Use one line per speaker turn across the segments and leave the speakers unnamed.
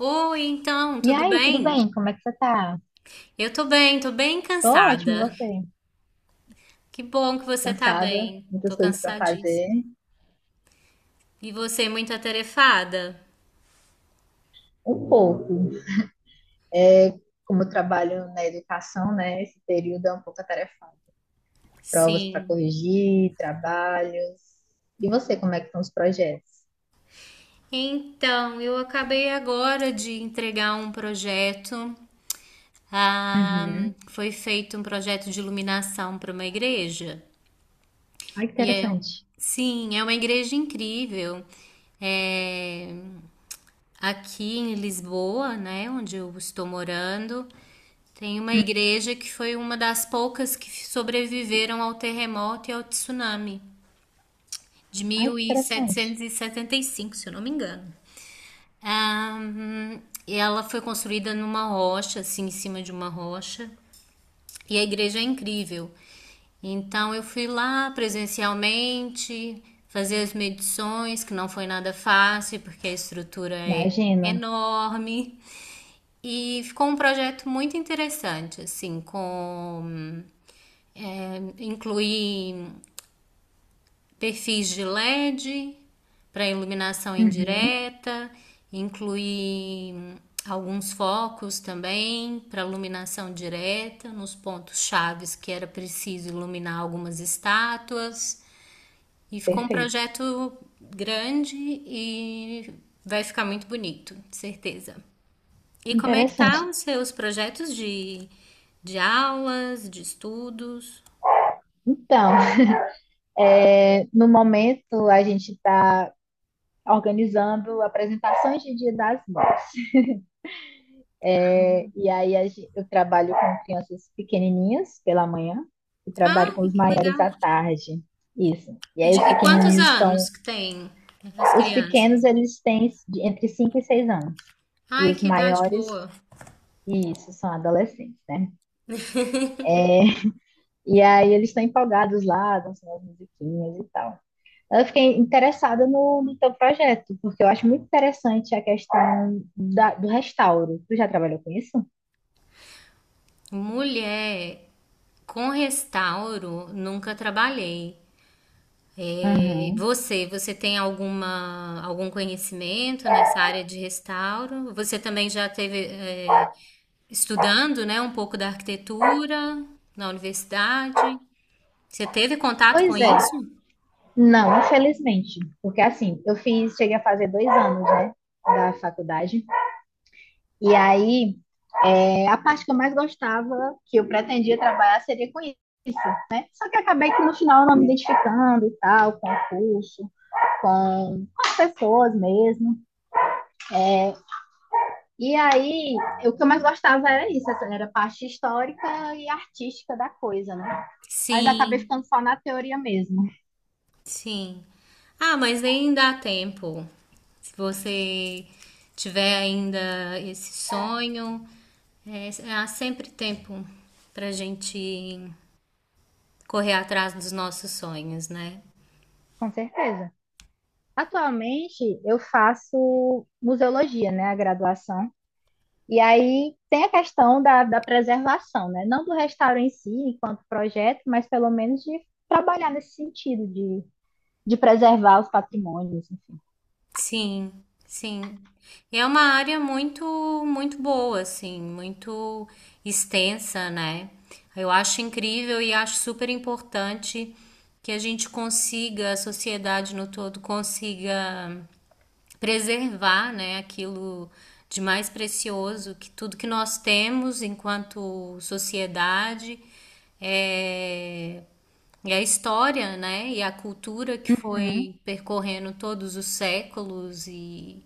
Oi, então,
E
tudo
aí, tudo
bem?
bem? Como é que você tá?
Eu tô bem
Tô ótimo, e
cansada.
você?
Que bom que você tá
Cansada,
bem.
muitas
Tô
coisas para fazer,
cansadíssima. E você, muito atarefada?
um pouco. É, como eu trabalho na educação, né? Esse período é um pouco atarefado. Provas para
Sim.
corrigir, trabalhos. E você, como é que estão os projetos?
Então, eu acabei agora de entregar um projeto. Ah,
Uhum.
foi feito um projeto de iluminação para uma igreja.
Ai, que
E
interessante.
sim, é uma igreja incrível. É, Aqui em Lisboa, né, onde eu estou morando, tem uma
Hum.
igreja que foi uma das poucas que sobreviveram ao terremoto e ao tsunami de
Ai, que interessante.
1775, se eu não me engano. Ahn, e ela foi construída numa rocha, assim, em cima de uma rocha. E a igreja é incrível. Então eu fui lá presencialmente, fazer as medições, que não foi nada fácil, porque a estrutura é
Imagino.
enorme. E ficou um projeto muito interessante, assim, com incluir perfis de LED para iluminação
Uhum.
indireta, incluir alguns focos também para iluminação direta nos pontos chaves que era preciso iluminar algumas estátuas. E ficou um
Perfeito.
projeto grande e vai ficar muito bonito, certeza. E
Que
como é que
interessante.
tá os seus projetos de, aulas, de estudos?
Então, no momento a gente está organizando apresentações de Dia das Mães. É, e aí eu trabalho com crianças pequenininhas pela manhã e trabalho
Ah,
com os
que
maiores
legal!
à tarde. Isso. E
E,
aí
de- e quantos anos que tem as
os pequenos
crianças?
eles têm entre 5 e 6 anos. E
Ai,
os
que idade
maiores,
boa.
isso, são adolescentes, né? E aí eles estão empolgados lá, dançando as musiquinhas e tal. Eu fiquei interessada no teu projeto, porque eu acho muito interessante a questão do restauro. Tu já trabalhou com isso?
Mulher, com restauro, nunca trabalhei. É,
Uhum.
você tem alguma, algum conhecimento nessa área de restauro? Você também já teve, estudando, né, um pouco da arquitetura na universidade? Você teve contato com
Pois é.
isso?
Não, infelizmente. Porque assim, eu fiz, cheguei a fazer 2 anos, né, da faculdade. E aí, a parte que eu mais gostava, que eu pretendia trabalhar, seria com isso, né? Só que acabei que no final eu não me identificando e tal, com o curso, com, as pessoas mesmo. E aí, o que eu mais gostava era isso, essa era a parte histórica e artística da coisa, né? Mas acabei
Sim.
ficando só na teoria mesmo.
Sim. Ah, mas ainda dá tempo. Se você tiver ainda esse sonho, há sempre tempo para gente correr atrás dos nossos sonhos, né?
Com certeza. Atualmente eu faço museologia, né, a graduação. E aí tem a questão da preservação, né? Não do restauro em si, enquanto projeto, mas pelo menos de trabalhar nesse sentido de preservar os patrimônios, enfim.
Sim, sim. E é uma área muito, muito boa, assim, muito extensa, né? Eu acho incrível e acho super importante que a gente consiga, a sociedade no todo consiga preservar, né, aquilo de mais precioso que tudo que nós temos enquanto sociedade é, e a história, né, e a cultura que
Uhum,
foi percorrendo todos os séculos e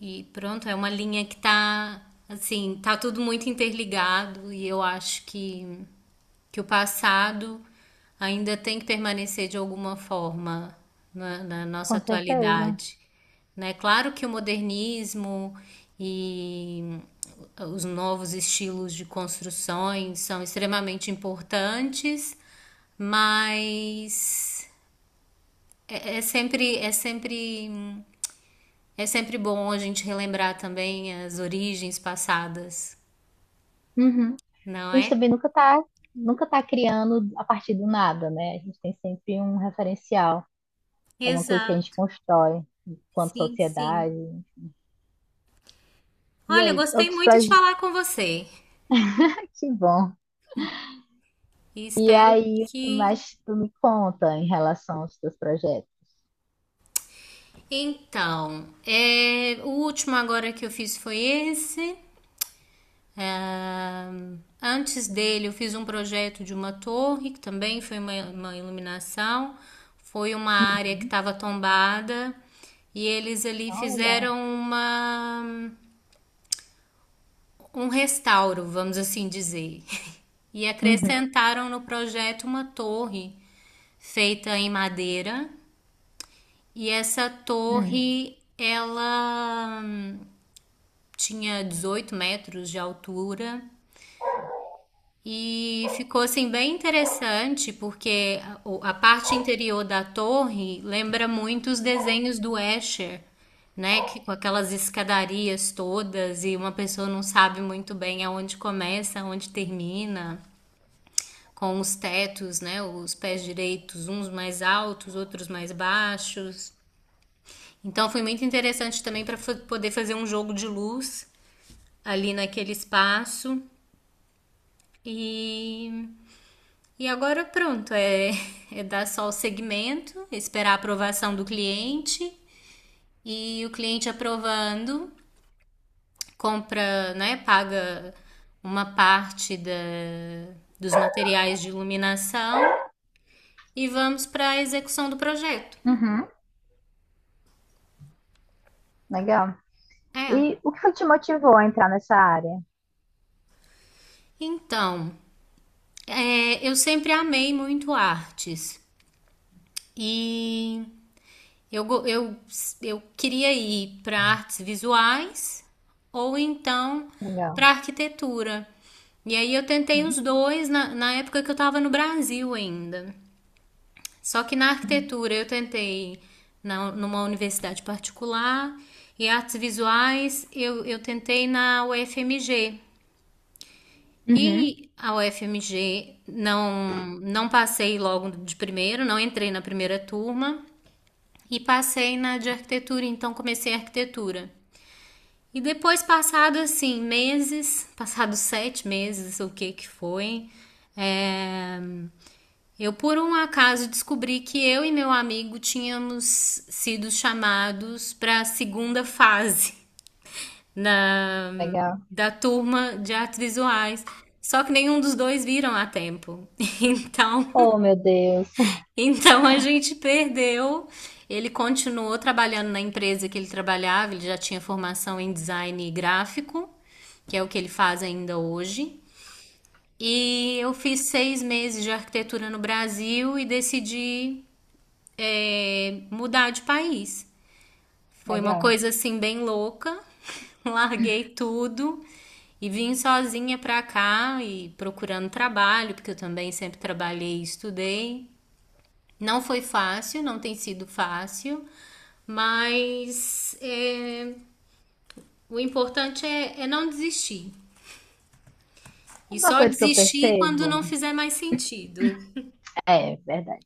e pronto, é uma linha que tá assim, tá tudo muito interligado e eu acho que o passado ainda tem que permanecer de alguma forma na nossa
com certeza.
atualidade, né? Claro que o modernismo e os novos estilos de construções são extremamente importantes, mas é, é sempre é sempre é sempre bom a gente relembrar também as origens passadas,
Uhum.
não
A gente
é?
também nunca tá criando a partir do nada, né? A gente tem sempre um referencial, alguma coisa que a gente
Exato,
constrói enquanto
sim, sim.
sociedade. E
Olha, eu
aí,
gostei
outros
muito de
projetos,
falar com você
que bom.
e
E
espero
aí, o que
que.
mais tu me conta em relação aos teus projetos?
Então, o último agora que eu fiz foi esse. Antes dele, eu fiz um projeto de uma torre, que também foi uma, iluminação. Foi uma área que
Uhum.
estava tombada e eles ali
Ah, legal.
fizeram uma um restauro, vamos assim dizer. E
Uhum.
acrescentaram no projeto uma torre feita em madeira. E essa
Hum.
torre, ela tinha 18 m de altura. E ficou assim bem interessante, porque a parte interior da torre lembra muito os desenhos do Escher, né? Que, com aquelas escadarias todas e uma pessoa não sabe muito bem aonde começa, aonde termina, com os tetos, né, os pés direitos, uns mais altos, outros mais baixos. Então foi muito interessante também para poder fazer um jogo de luz ali naquele espaço. E, e agora pronto, é dar só o segmento, esperar a aprovação do cliente e o cliente aprovando, compra, né, paga uma parte dos materiais de iluminação e vamos para a execução do projeto.
Uhum. Legal.
É,
E o que foi que te motivou a entrar nessa área?
então, eu sempre amei muito artes e eu, go- eu, eu queria ir para artes visuais ou então para
Legal.
arquitetura. E aí eu tentei os
Uhum.
dois na época que eu estava no Brasil ainda. Só que na arquitetura eu tentei numa universidade particular e artes visuais eu tentei na UFMG.
Uhum.
E a UFMG não passei logo de primeiro, não entrei na primeira turma e passei na de arquitetura, então comecei a arquitetura. E depois, passado assim, meses, passados 7 meses, o que que foi, é, eu por um acaso descobri que eu e meu amigo tínhamos sido chamados para a segunda fase na,
Legal.
da turma de artes visuais. Só que nenhum dos dois viram a tempo. Então,
Oh, meu Deus.
então, a gente perdeu. Ele continuou trabalhando na empresa que ele trabalhava, ele já tinha formação em design gráfico, que é o que ele faz ainda hoje. E eu fiz 6 meses de arquitetura no Brasil e decidi, mudar de país. Foi uma
Legal.
coisa assim bem louca. Larguei tudo e vim sozinha pra cá e procurando trabalho, porque eu também sempre trabalhei e estudei. Não foi fácil, não tem sido fácil, mas o importante é não desistir. E
Uma
só
coisa que eu
desistir quando
percebo,
não fizer mais sentido.
é verdade.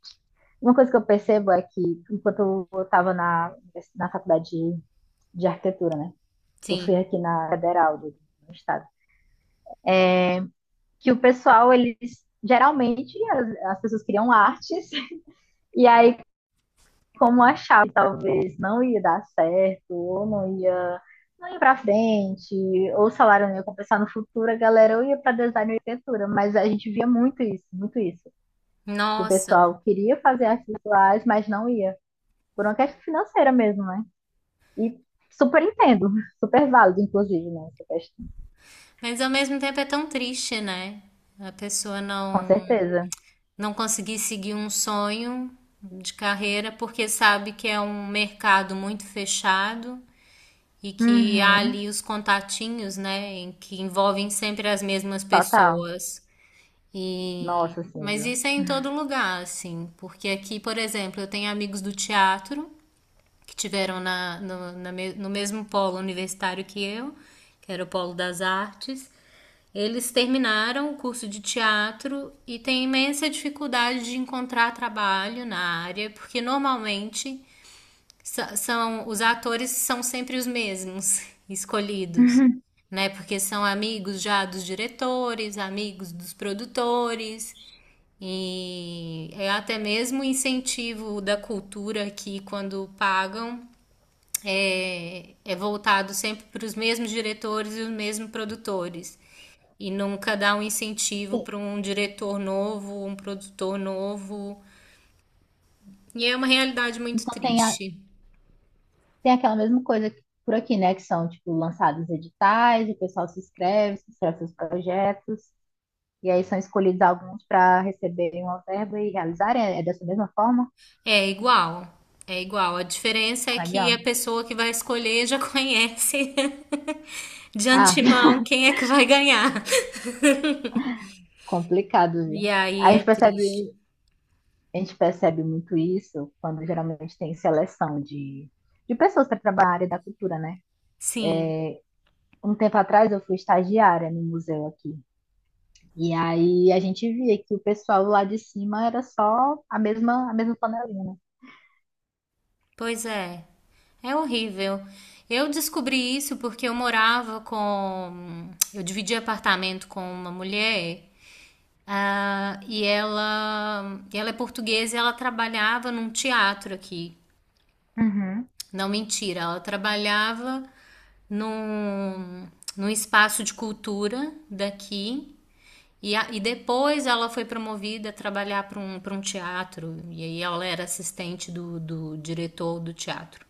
Uma coisa que eu percebo é que, enquanto eu estava na faculdade de arquitetura, né? Eu fui
Sim.
aqui na Federal do estado. Que o pessoal, eles geralmente as pessoas criam artes, e aí, como achava que talvez não ia dar certo, ou não ia para frente, ou o salário não ia compensar no futuro, a galera ou ia para design e arquitetura, mas a gente via muito isso, muito isso. Que o
Nossa.
pessoal queria fazer artes visuais, mas não ia, por uma questão financeira mesmo, né? E super entendo, super válido, inclusive, né, essa questão.
Mas ao mesmo tempo é tão triste, né? A pessoa
Com
não
certeza.
não conseguir seguir um sonho de carreira porque sabe que é um mercado muito fechado e que há
Uhum,
ali os contatinhos, né, em que envolvem sempre as mesmas
total.
pessoas.
Nossa,
E
sim
mas
Silvia.
isso é em todo lugar, assim, porque aqui, por exemplo, eu tenho amigos do teatro que tiveram na, no, na no mesmo polo universitário que eu, que era o polo das artes, eles terminaram o curso de teatro e têm imensa dificuldade de encontrar trabalho na área, porque normalmente são os atores são sempre os mesmos escolhidos, né? Porque são amigos já dos diretores, amigos dos produtores. E é até mesmo incentivo da cultura aqui quando pagam é voltado sempre para os mesmos diretores e os mesmos produtores. E nunca dá um incentivo para um diretor novo, um produtor novo. E é uma realidade muito
Então
triste.
tem aquela mesma coisa por aqui, né? Que são, tipo, lançados editais, o pessoal se inscreve seus projetos, e aí são escolhidos alguns para receberem uma verba e realizarem. É dessa mesma forma?
É igual, é igual. A diferença é que a
Legal.
pessoa que vai escolher já conhece de
Ah,
antemão quem é que vai ganhar.
complicado,
E
viu? A
aí é
gente
triste.
percebe, a gente percebe muito isso quando geralmente tem seleção de pessoas para trabalhar na área da cultura, né?
Sim.
Um tempo atrás eu fui estagiária no museu aqui. E aí a gente via que o pessoal lá de cima era só a mesma panelinha.
Pois é, é horrível. Eu descobri isso porque eu morava com. Eu dividi apartamento com uma mulher ah, e ela é portuguesa e ela trabalhava num teatro aqui.
Uhum.
Não, mentira, ela trabalhava num, num espaço de cultura daqui. E depois ela foi promovida a trabalhar para um, teatro. E aí ela era assistente do diretor do teatro.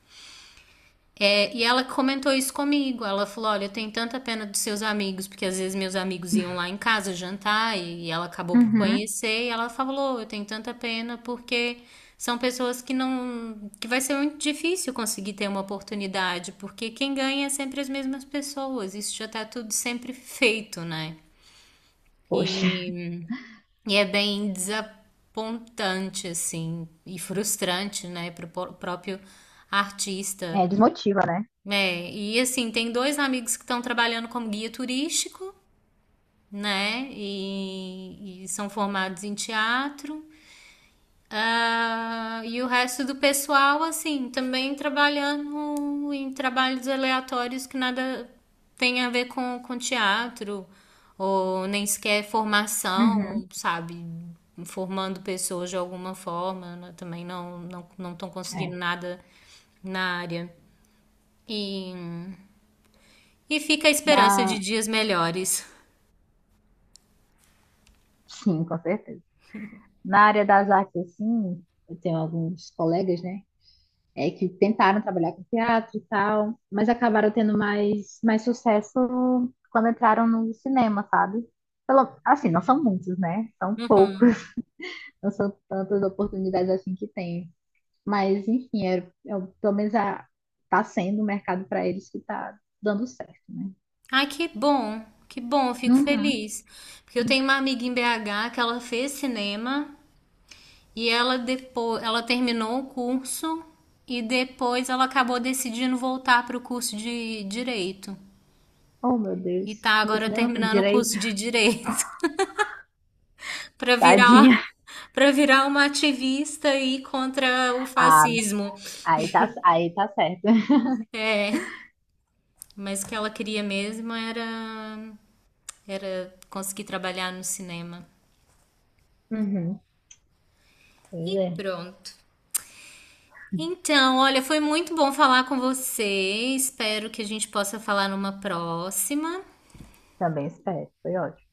É, e ela comentou isso comigo. Ela falou: Olha, eu tenho tanta pena dos seus amigos, porque às vezes meus amigos iam lá em casa jantar e ela acabou por
Uhum.
conhecer. E ela falou: Eu tenho tanta pena porque são pessoas que não. Que vai ser muito difícil conseguir ter uma oportunidade, porque quem ganha é sempre as mesmas pessoas. Isso já tá tudo sempre feito, né?
Poxa,
E, e é bem desapontante, assim, e frustrante, né, pro próprio artista.
é, desmotiva, né?
É, e assim, tem dois amigos que estão trabalhando como guia turístico, né? E são formados em teatro. Ah, e o resto do pessoal, assim, também trabalhando em trabalhos aleatórios que nada tem a ver com teatro, ou nem sequer formação,
Uhum.
sabe? Formando pessoas de alguma forma, né, também não estão conseguindo
É.
nada na área. E E fica a esperança de
Na...
dias melhores.
Sim, com certeza. Na área das artes, assim, eu tenho alguns colegas, né? Que tentaram trabalhar com teatro e tal, mas acabaram tendo mais sucesso quando entraram no cinema, sabe? Assim, não são muitos, né? São poucos.
Uhum.
Não são tantas oportunidades assim que tem. Mas, enfim, pelo menos tá sendo o mercado para eles que tá dando certo, né?
Ai, que bom, eu fico
Uhum.
feliz. Porque eu tenho uma amiga em BH que ela fez cinema e ela depois, ela terminou o curso e depois ela acabou decidindo voltar para o curso de direito.
Oh, meu Deus.
E tá
Do
agora
cinema por
terminando o
direito.
curso de direito para virar
Tadinha.
para virar uma ativista e contra o
Ah,
fascismo.
aí tá certo.
É, mas o que ela queria mesmo era conseguir trabalhar no cinema.
Uhum. Pois
E
é.
pronto. Então, olha, foi muito bom falar com você. Espero que a gente possa falar numa próxima.
Também espero. Foi ótimo.